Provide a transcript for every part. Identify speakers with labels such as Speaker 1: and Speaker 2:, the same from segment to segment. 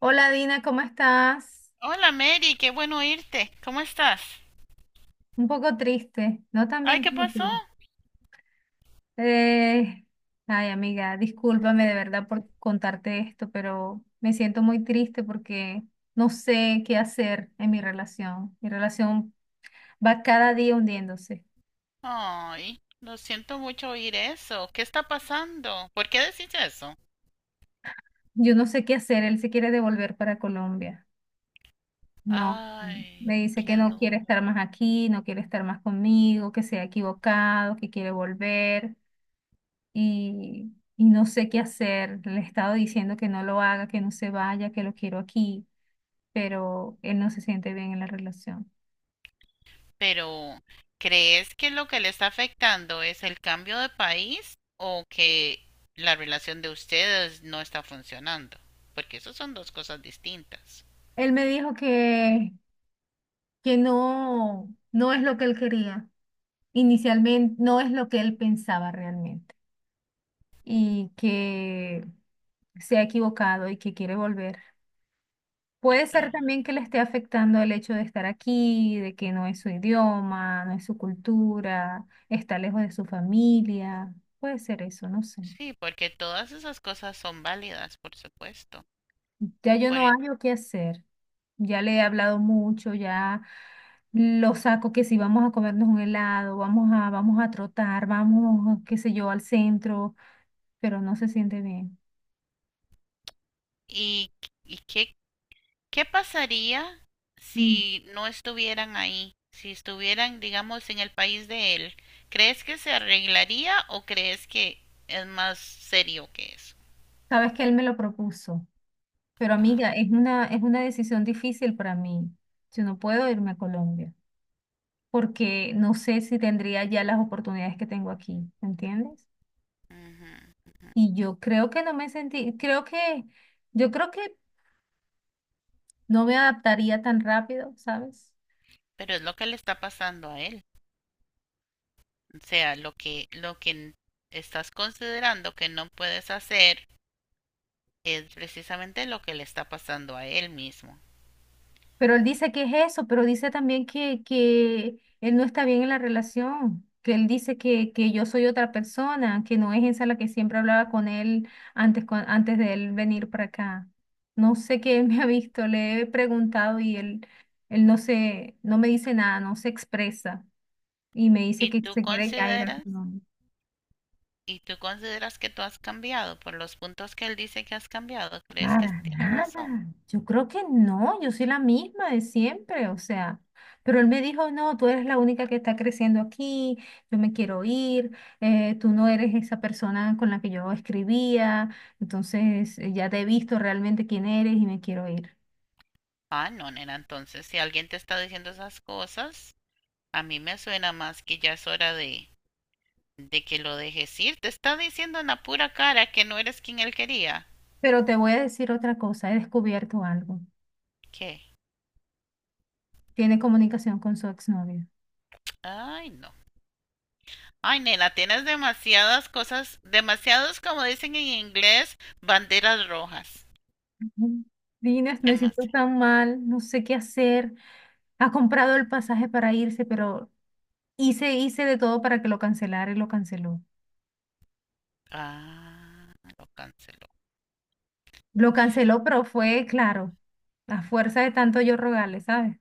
Speaker 1: Hola Dina, ¿cómo estás?
Speaker 2: Hola Mary, qué bueno oírte. ¿Cómo estás?
Speaker 1: Un poco triste, no tan
Speaker 2: Ay,
Speaker 1: bien
Speaker 2: ¿qué
Speaker 1: como
Speaker 2: pasó?
Speaker 1: tú. Eh, Ay amiga, discúlpame de verdad por contarte esto, pero me siento muy triste porque no sé qué hacer en mi relación. Mi relación va cada día hundiéndose.
Speaker 2: Ay, lo siento mucho oír eso. ¿Qué está pasando? ¿Por qué decís eso?
Speaker 1: Yo no sé qué hacer, él se quiere devolver para Colombia. No,
Speaker 2: Ay,
Speaker 1: me dice
Speaker 2: qué
Speaker 1: que no
Speaker 2: duro.
Speaker 1: quiere estar más aquí, no quiere estar más conmigo, que se ha equivocado, que quiere volver. Y no sé qué hacer. Le he estado diciendo que no lo haga, que no se vaya, que lo quiero aquí, pero él no se siente bien en la relación.
Speaker 2: Pero, ¿crees que lo que le está afectando es el cambio de país o que la relación de ustedes no está funcionando? Porque eso son dos cosas distintas.
Speaker 1: Él me dijo que no, no es lo que él quería. Inicialmente no es lo que él pensaba realmente y que se ha equivocado y que quiere volver. Puede ser
Speaker 2: Ah,
Speaker 1: también que le esté afectando el hecho de estar aquí, de que no es su idioma, no es su cultura, está lejos de su familia. Puede ser eso, no sé.
Speaker 2: sí, porque todas esas cosas son válidas, por supuesto.
Speaker 1: Ya yo
Speaker 2: Por
Speaker 1: no
Speaker 2: el-
Speaker 1: hallo qué hacer. Ya le he hablado mucho, ya lo saco que si vamos a comernos un helado, vamos a trotar, vamos, qué sé yo, al centro, pero no se siente bien.
Speaker 2: ¿Y, y qué ¿Qué pasaría
Speaker 1: Mm.
Speaker 2: si no estuvieran ahí? Si estuvieran, digamos, en el país de él. ¿Crees que se arreglaría o crees que es más serio que eso?
Speaker 1: Sabes que él me lo propuso, pero
Speaker 2: Ah,
Speaker 1: amiga, es una decisión difícil para mí. Yo no puedo irme a Colombia, porque no sé si tendría ya las oportunidades que tengo aquí, ¿me entiendes?
Speaker 2: ujú.
Speaker 1: Y yo creo que no me sentí, creo que, yo creo que no me adaptaría tan rápido, ¿sabes?
Speaker 2: Pero es lo que le está pasando a él. O sea, lo que estás considerando que no puedes hacer es precisamente lo que le está pasando a él mismo.
Speaker 1: Pero él dice que es eso, pero dice también que él no está bien en la relación, que él dice que yo soy otra persona, que no es esa la que siempre hablaba con él antes, antes de él venir para acá. No sé qué él me ha visto, le he preguntado y él, no me dice nada, no se expresa. Y me dice
Speaker 2: ¿Y
Speaker 1: que
Speaker 2: tú
Speaker 1: se quiere ya ir a
Speaker 2: consideras,
Speaker 1: Colombia.
Speaker 2: ¿Y tú consideras que tú has cambiado por los puntos que él dice que has cambiado? ¿Crees que
Speaker 1: Para
Speaker 2: tiene razón?
Speaker 1: nada. Yo creo que no, yo soy la misma de siempre, o sea. Pero él me dijo, no, tú eres la única que está creciendo aquí, yo me quiero ir, tú no eres esa persona con la que yo escribía, entonces ya te he visto realmente quién eres y me quiero ir.
Speaker 2: Ah, no, nena, entonces si alguien te está diciendo esas cosas, a mí me suena más que ya es hora de que lo dejes ir. Te está diciendo en la pura cara que no eres quien él quería.
Speaker 1: Pero te voy a decir otra cosa, he descubierto algo.
Speaker 2: ¿Qué?
Speaker 1: Tiene comunicación con su exnovio.
Speaker 2: Ay, no. Ay, nena, tienes demasiadas cosas, demasiados, como dicen en inglés, banderas rojas.
Speaker 1: Ujú. Dines, me siento
Speaker 2: Demasiado.
Speaker 1: tan mal, no sé qué hacer. Ha comprado el pasaje para irse, pero hice de todo para que lo cancelara y lo canceló.
Speaker 2: Ah, lo canceló.
Speaker 1: Lo canceló, pero fue, claro, la fuerza de tanto yo rogarle, ¿sabes?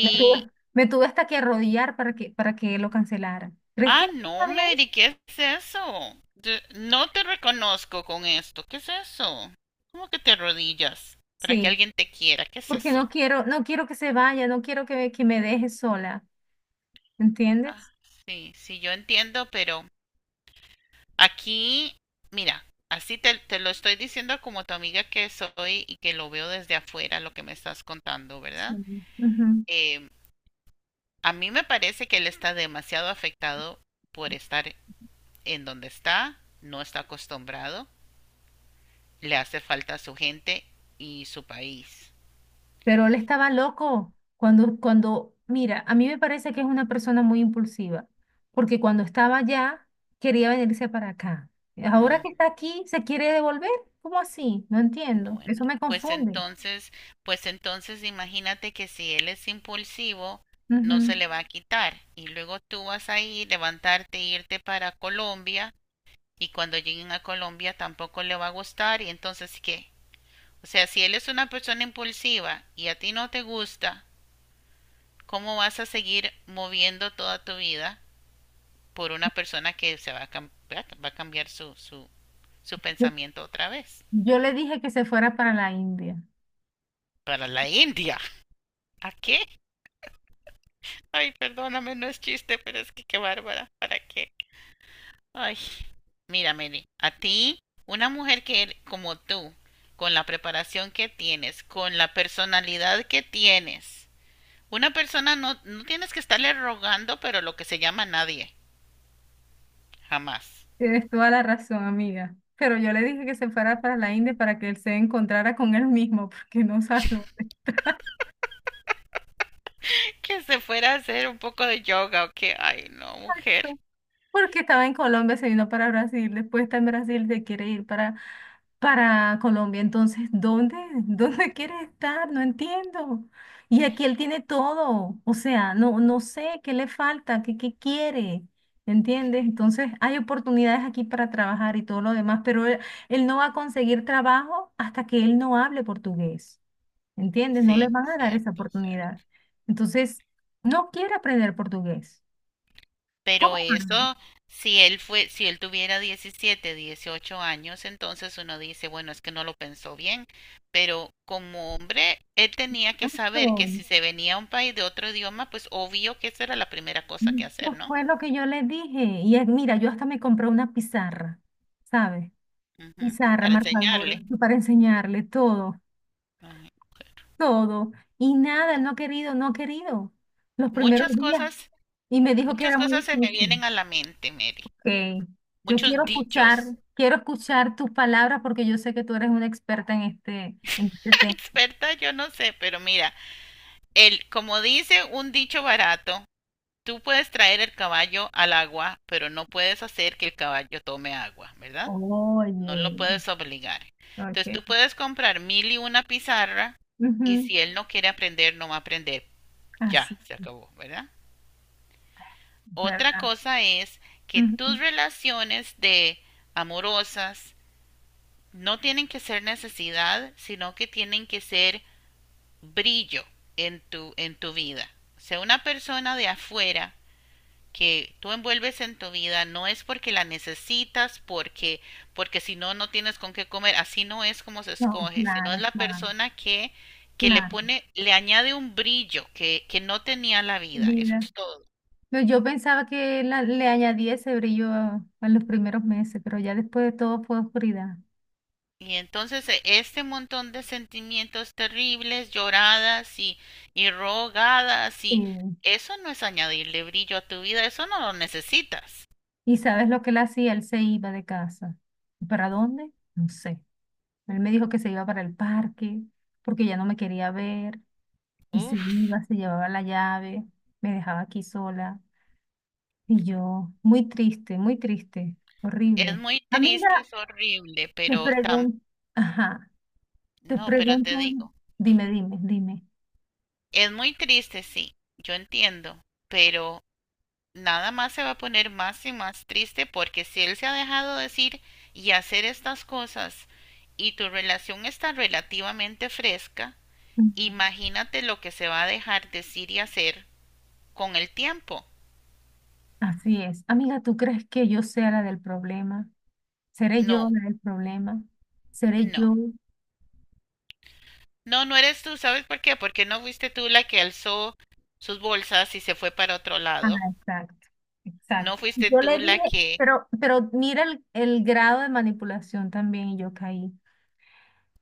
Speaker 1: Me tuve hasta que arrodillar para que lo cancelara. ¿Crees que
Speaker 2: ah, no,
Speaker 1: está bien?
Speaker 2: Mary, ¿qué es eso? No te reconozco con esto. ¿Qué es eso? ¿Cómo que te arrodillas para que
Speaker 1: Sí,
Speaker 2: alguien te quiera? ¿Qué es
Speaker 1: porque
Speaker 2: eso?
Speaker 1: no quiero que se vaya, no quiero que me deje sola, ¿entiendes?
Speaker 2: Ah, sí, sí, yo entiendo, pero aquí, mira, te lo estoy diciendo como tu amiga que soy y que lo veo desde afuera lo que me estás contando,
Speaker 1: Sí.
Speaker 2: ¿verdad?
Speaker 1: Ujú.
Speaker 2: Eh, a mí me parece que él está demasiado afectado por estar en donde está, no está acostumbrado, le hace falta a su gente y su país.
Speaker 1: Pero él estaba loco mira, a mí me parece que es una persona muy impulsiva, porque cuando estaba allá quería venirse para acá. Ahora que
Speaker 2: Ujú.
Speaker 1: está aquí, se quiere devolver. ¿Cómo así? No entiendo.
Speaker 2: Bueno,
Speaker 1: Eso me
Speaker 2: pues
Speaker 1: confunde.
Speaker 2: entonces, pues entonces imagínate que si él es impulsivo, no se
Speaker 1: Ujú.
Speaker 2: le va a quitar y luego tú vas a ir, levantarte, e irte para Colombia y cuando lleguen a Colombia tampoco le va a gustar y entonces ¿qué? O sea, si él es una persona impulsiva y a ti no te gusta, ¿cómo vas a seguir moviendo toda tu vida por una persona que se va a, cam- va a cambiar su
Speaker 1: Yo,
Speaker 2: pensamiento otra vez?
Speaker 1: yo le dije que se fuera para la India.
Speaker 2: Para la India. ¿A qué? Ay, perdóname, no es chiste, pero es que qué bárbara. ¿Para qué? Ay, mira, Meli, a ti, una mujer como tú, con la preparación que tienes, con la personalidad que tienes, una persona no, no tienes que estarle rogando, pero lo que se llama nadie, jamás.
Speaker 1: Tienes toda la razón, amiga. Pero yo le dije que se fuera para la India para que él se encontrara con él mismo, porque no sabe.
Speaker 2: Que se fuera a hacer un poco de yoga o que, ay, no, mujer.
Speaker 1: Porque estaba en Colombia, se vino para Brasil, después está en Brasil, se quiere ir para Colombia. Entonces, ¿dónde? ¿Dónde quiere estar? No entiendo. Y aquí él tiene todo, o sea, no, no sé qué le falta, qué, qué quiere. ¿Entiendes? Entonces hay oportunidades aquí para trabajar y todo lo demás, pero él no va a conseguir trabajo hasta que él no hable portugués. ¿Entiendes? No le
Speaker 2: Sí,
Speaker 1: van a dar esa
Speaker 2: cierto, cierto.
Speaker 1: oportunidad. Entonces, no quiere aprender portugués. ¿Cómo
Speaker 2: Pero eso, si él tuviera 17 18 años, entonces uno dice, bueno, es que no lo pensó bien, pero como hombre, él tenía que
Speaker 1: hago?
Speaker 2: saber que si se venía a un país de otro idioma, pues obvio que esa era la primera cosa que hacer,
Speaker 1: Eso
Speaker 2: ¿no?
Speaker 1: fue lo que yo le dije. Y es, mira, yo hasta me compré una pizarra, ¿sabes?
Speaker 2: Ujú,
Speaker 1: Pizarra,
Speaker 2: para
Speaker 1: marcadores,
Speaker 2: enseñarle.
Speaker 1: para enseñarle todo,
Speaker 2: Ay, mujer.
Speaker 1: todo. Y nada, él no ha querido, no ha querido. Los primeros
Speaker 2: Muchas
Speaker 1: días.
Speaker 2: cosas,
Speaker 1: Y me dijo que
Speaker 2: muchas
Speaker 1: era muy
Speaker 2: cosas se me
Speaker 1: difícil.
Speaker 2: vienen a la mente, Mary.
Speaker 1: Ok, yo
Speaker 2: Muchos dichos.
Speaker 1: quiero escuchar tus palabras porque yo sé que tú eres una experta en este tema.
Speaker 2: Experta, yo no sé, pero mira, el, como dice un dicho barato, tú puedes traer el caballo al agua, pero no puedes hacer que el caballo tome agua, ¿verdad? No
Speaker 1: Oye,
Speaker 2: lo puedes obligar. Entonces
Speaker 1: ok.
Speaker 2: tú puedes comprar mil y una pizarra y
Speaker 1: Ujú.
Speaker 2: si él no quiere aprender, no va a aprender. Ya,
Speaker 1: Así,
Speaker 2: se acabó, ¿verdad? Otra
Speaker 1: ¿verdad?
Speaker 2: cosa es que tus
Speaker 1: Ujú.
Speaker 2: relaciones de amorosas no tienen que ser necesidad, sino que tienen que ser brillo en en tu vida. O sea, una persona de afuera que tú envuelves en tu vida no es porque la necesitas, porque si no, no tienes con qué comer. Así no es como se
Speaker 1: No,
Speaker 2: escoge, sino es
Speaker 1: claro,
Speaker 2: la
Speaker 1: claro,
Speaker 2: persona que le
Speaker 1: claro.
Speaker 2: pone, le añade un brillo que no tenía la vida. Eso
Speaker 1: Vida.
Speaker 2: es todo.
Speaker 1: No, yo pensaba que le añadía ese brillo en los primeros meses, pero ya después de todo fue oscuridad.
Speaker 2: Y entonces este montón de sentimientos terribles, y rogadas y
Speaker 1: Sí.
Speaker 2: eso no es añadirle brillo a tu vida, eso no lo necesitas.
Speaker 1: ¿Y sabes lo que él hacía? Él se iba de casa. ¿Y ¿para dónde? No sé. Él me dijo que se iba para el parque porque ya no me quería ver y se
Speaker 2: Uf,
Speaker 1: iba, se llevaba la llave, me dejaba aquí sola. Y yo, muy triste,
Speaker 2: es
Speaker 1: horrible.
Speaker 2: muy
Speaker 1: Amiga,
Speaker 2: triste, es horrible,
Speaker 1: te pregunto, ajá, te
Speaker 2: no, pero
Speaker 1: pregunto,
Speaker 2: te digo.
Speaker 1: dime, dime, dime.
Speaker 2: Es muy triste, sí, yo entiendo, pero nada más se va a poner más y más triste porque si él se ha dejado decir y hacer estas cosas y tu relación está relativamente fresca, imagínate lo que se va a dejar decir y hacer con el tiempo.
Speaker 1: Así es. Amiga, ¿tú crees que yo sea la del problema? ¿Seré yo
Speaker 2: No,
Speaker 1: la del problema? ¿Seré
Speaker 2: no.
Speaker 1: yo?
Speaker 2: No, no eres tú, ¿sabes por qué? Porque no fuiste tú la que alzó sus bolsas y se fue para otro
Speaker 1: Ah,
Speaker 2: lado.
Speaker 1: exacto,
Speaker 2: No
Speaker 1: exacto.
Speaker 2: fuiste
Speaker 1: Yo le
Speaker 2: tú
Speaker 1: dije,
Speaker 2: la que...
Speaker 1: pero mira el grado de manipulación también y yo caí.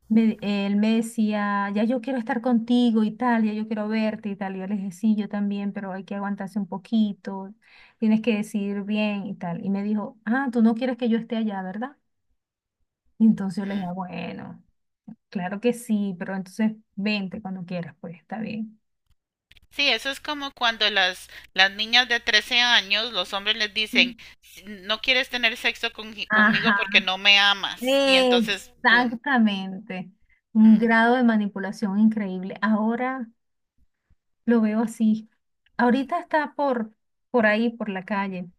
Speaker 1: Él me decía, ya yo quiero estar contigo y tal, ya yo quiero verte y tal. Y yo le dije, sí, yo también, pero hay que aguantarse un poquito, tienes que decidir bien y tal. Y me dijo, ah, tú no quieres que yo esté allá, ¿verdad? Y entonces yo le dije,
Speaker 2: Mm.
Speaker 1: bueno, claro que sí, pero entonces vente cuando quieras, pues está bien.
Speaker 2: Sí, eso es como cuando las niñas de 13 años, los hombres les dicen,
Speaker 1: Mm.
Speaker 2: "Si no quieres tener sexo
Speaker 1: Ajá,
Speaker 2: conmigo porque no me amas". Y entonces, ¡boom!
Speaker 1: exactamente. Un
Speaker 2: Ujú,
Speaker 1: grado de manipulación increíble. Ahora lo veo así. Ahorita está por ahí, por la calle.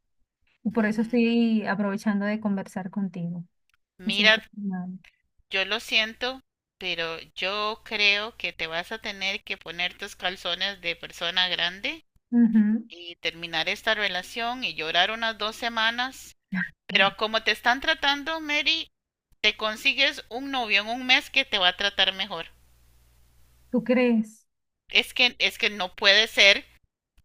Speaker 1: Y por eso
Speaker 2: ujú.
Speaker 1: estoy aprovechando de conversar contigo. Me
Speaker 2: Mira,
Speaker 1: siento mal.
Speaker 2: yo lo siento, pero yo creo que te vas a tener que poner tus calzones de persona grande
Speaker 1: Ujú.
Speaker 2: y terminar esta relación y llorar unas 2 semanas. Pero como te están tratando, Mary, te consigues un novio en un mes que te va a tratar mejor.
Speaker 1: ¿Tú crees
Speaker 2: Es que no puede ser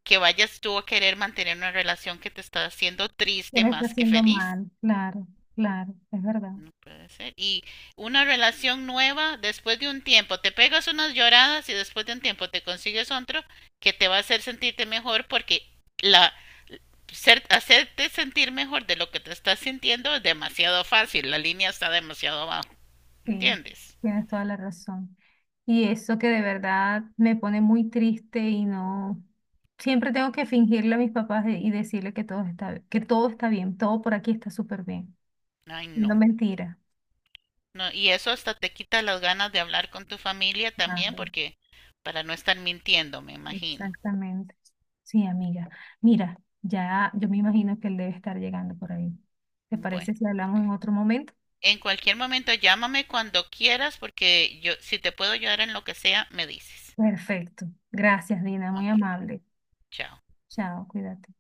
Speaker 2: que vayas tú a querer mantener una relación que te está haciendo
Speaker 1: que
Speaker 2: triste
Speaker 1: lo está
Speaker 2: más que
Speaker 1: haciendo
Speaker 2: feliz.
Speaker 1: mal? Claro, claro, es verdad.
Speaker 2: No puede ser. Y una relación nueva, después de un tiempo, te pegas unas lloradas y después de un tiempo te consigues otro que te va a hacer sentirte mejor porque la hacerte sentir mejor de lo que te estás sintiendo es demasiado fácil, la línea está demasiado abajo,
Speaker 1: Sí,
Speaker 2: ¿entiendes?
Speaker 1: tienes toda la razón. Y eso que de verdad me pone muy triste y no, siempre tengo que fingirle a mis papás y decirle que todo está bien, todo por aquí está súper bien.
Speaker 2: Ay,
Speaker 1: No
Speaker 2: no,
Speaker 1: mentira.
Speaker 2: no. Y eso hasta te quita las ganas de hablar con tu familia también
Speaker 1: Claro,
Speaker 2: porque para no estar mintiendo, me imagino.
Speaker 1: exactamente. Sí, amiga. Mira, ya yo me imagino que él debe estar llegando por ahí. ¿Te
Speaker 2: Bueno.
Speaker 1: parece si hablamos en otro momento?
Speaker 2: En cualquier momento llámame cuando quieras porque yo si te puedo ayudar en lo que sea, me dices.
Speaker 1: Perfecto. Gracias, Dina, muy
Speaker 2: Ok,
Speaker 1: amable.
Speaker 2: chao.
Speaker 1: Chao, cuídate.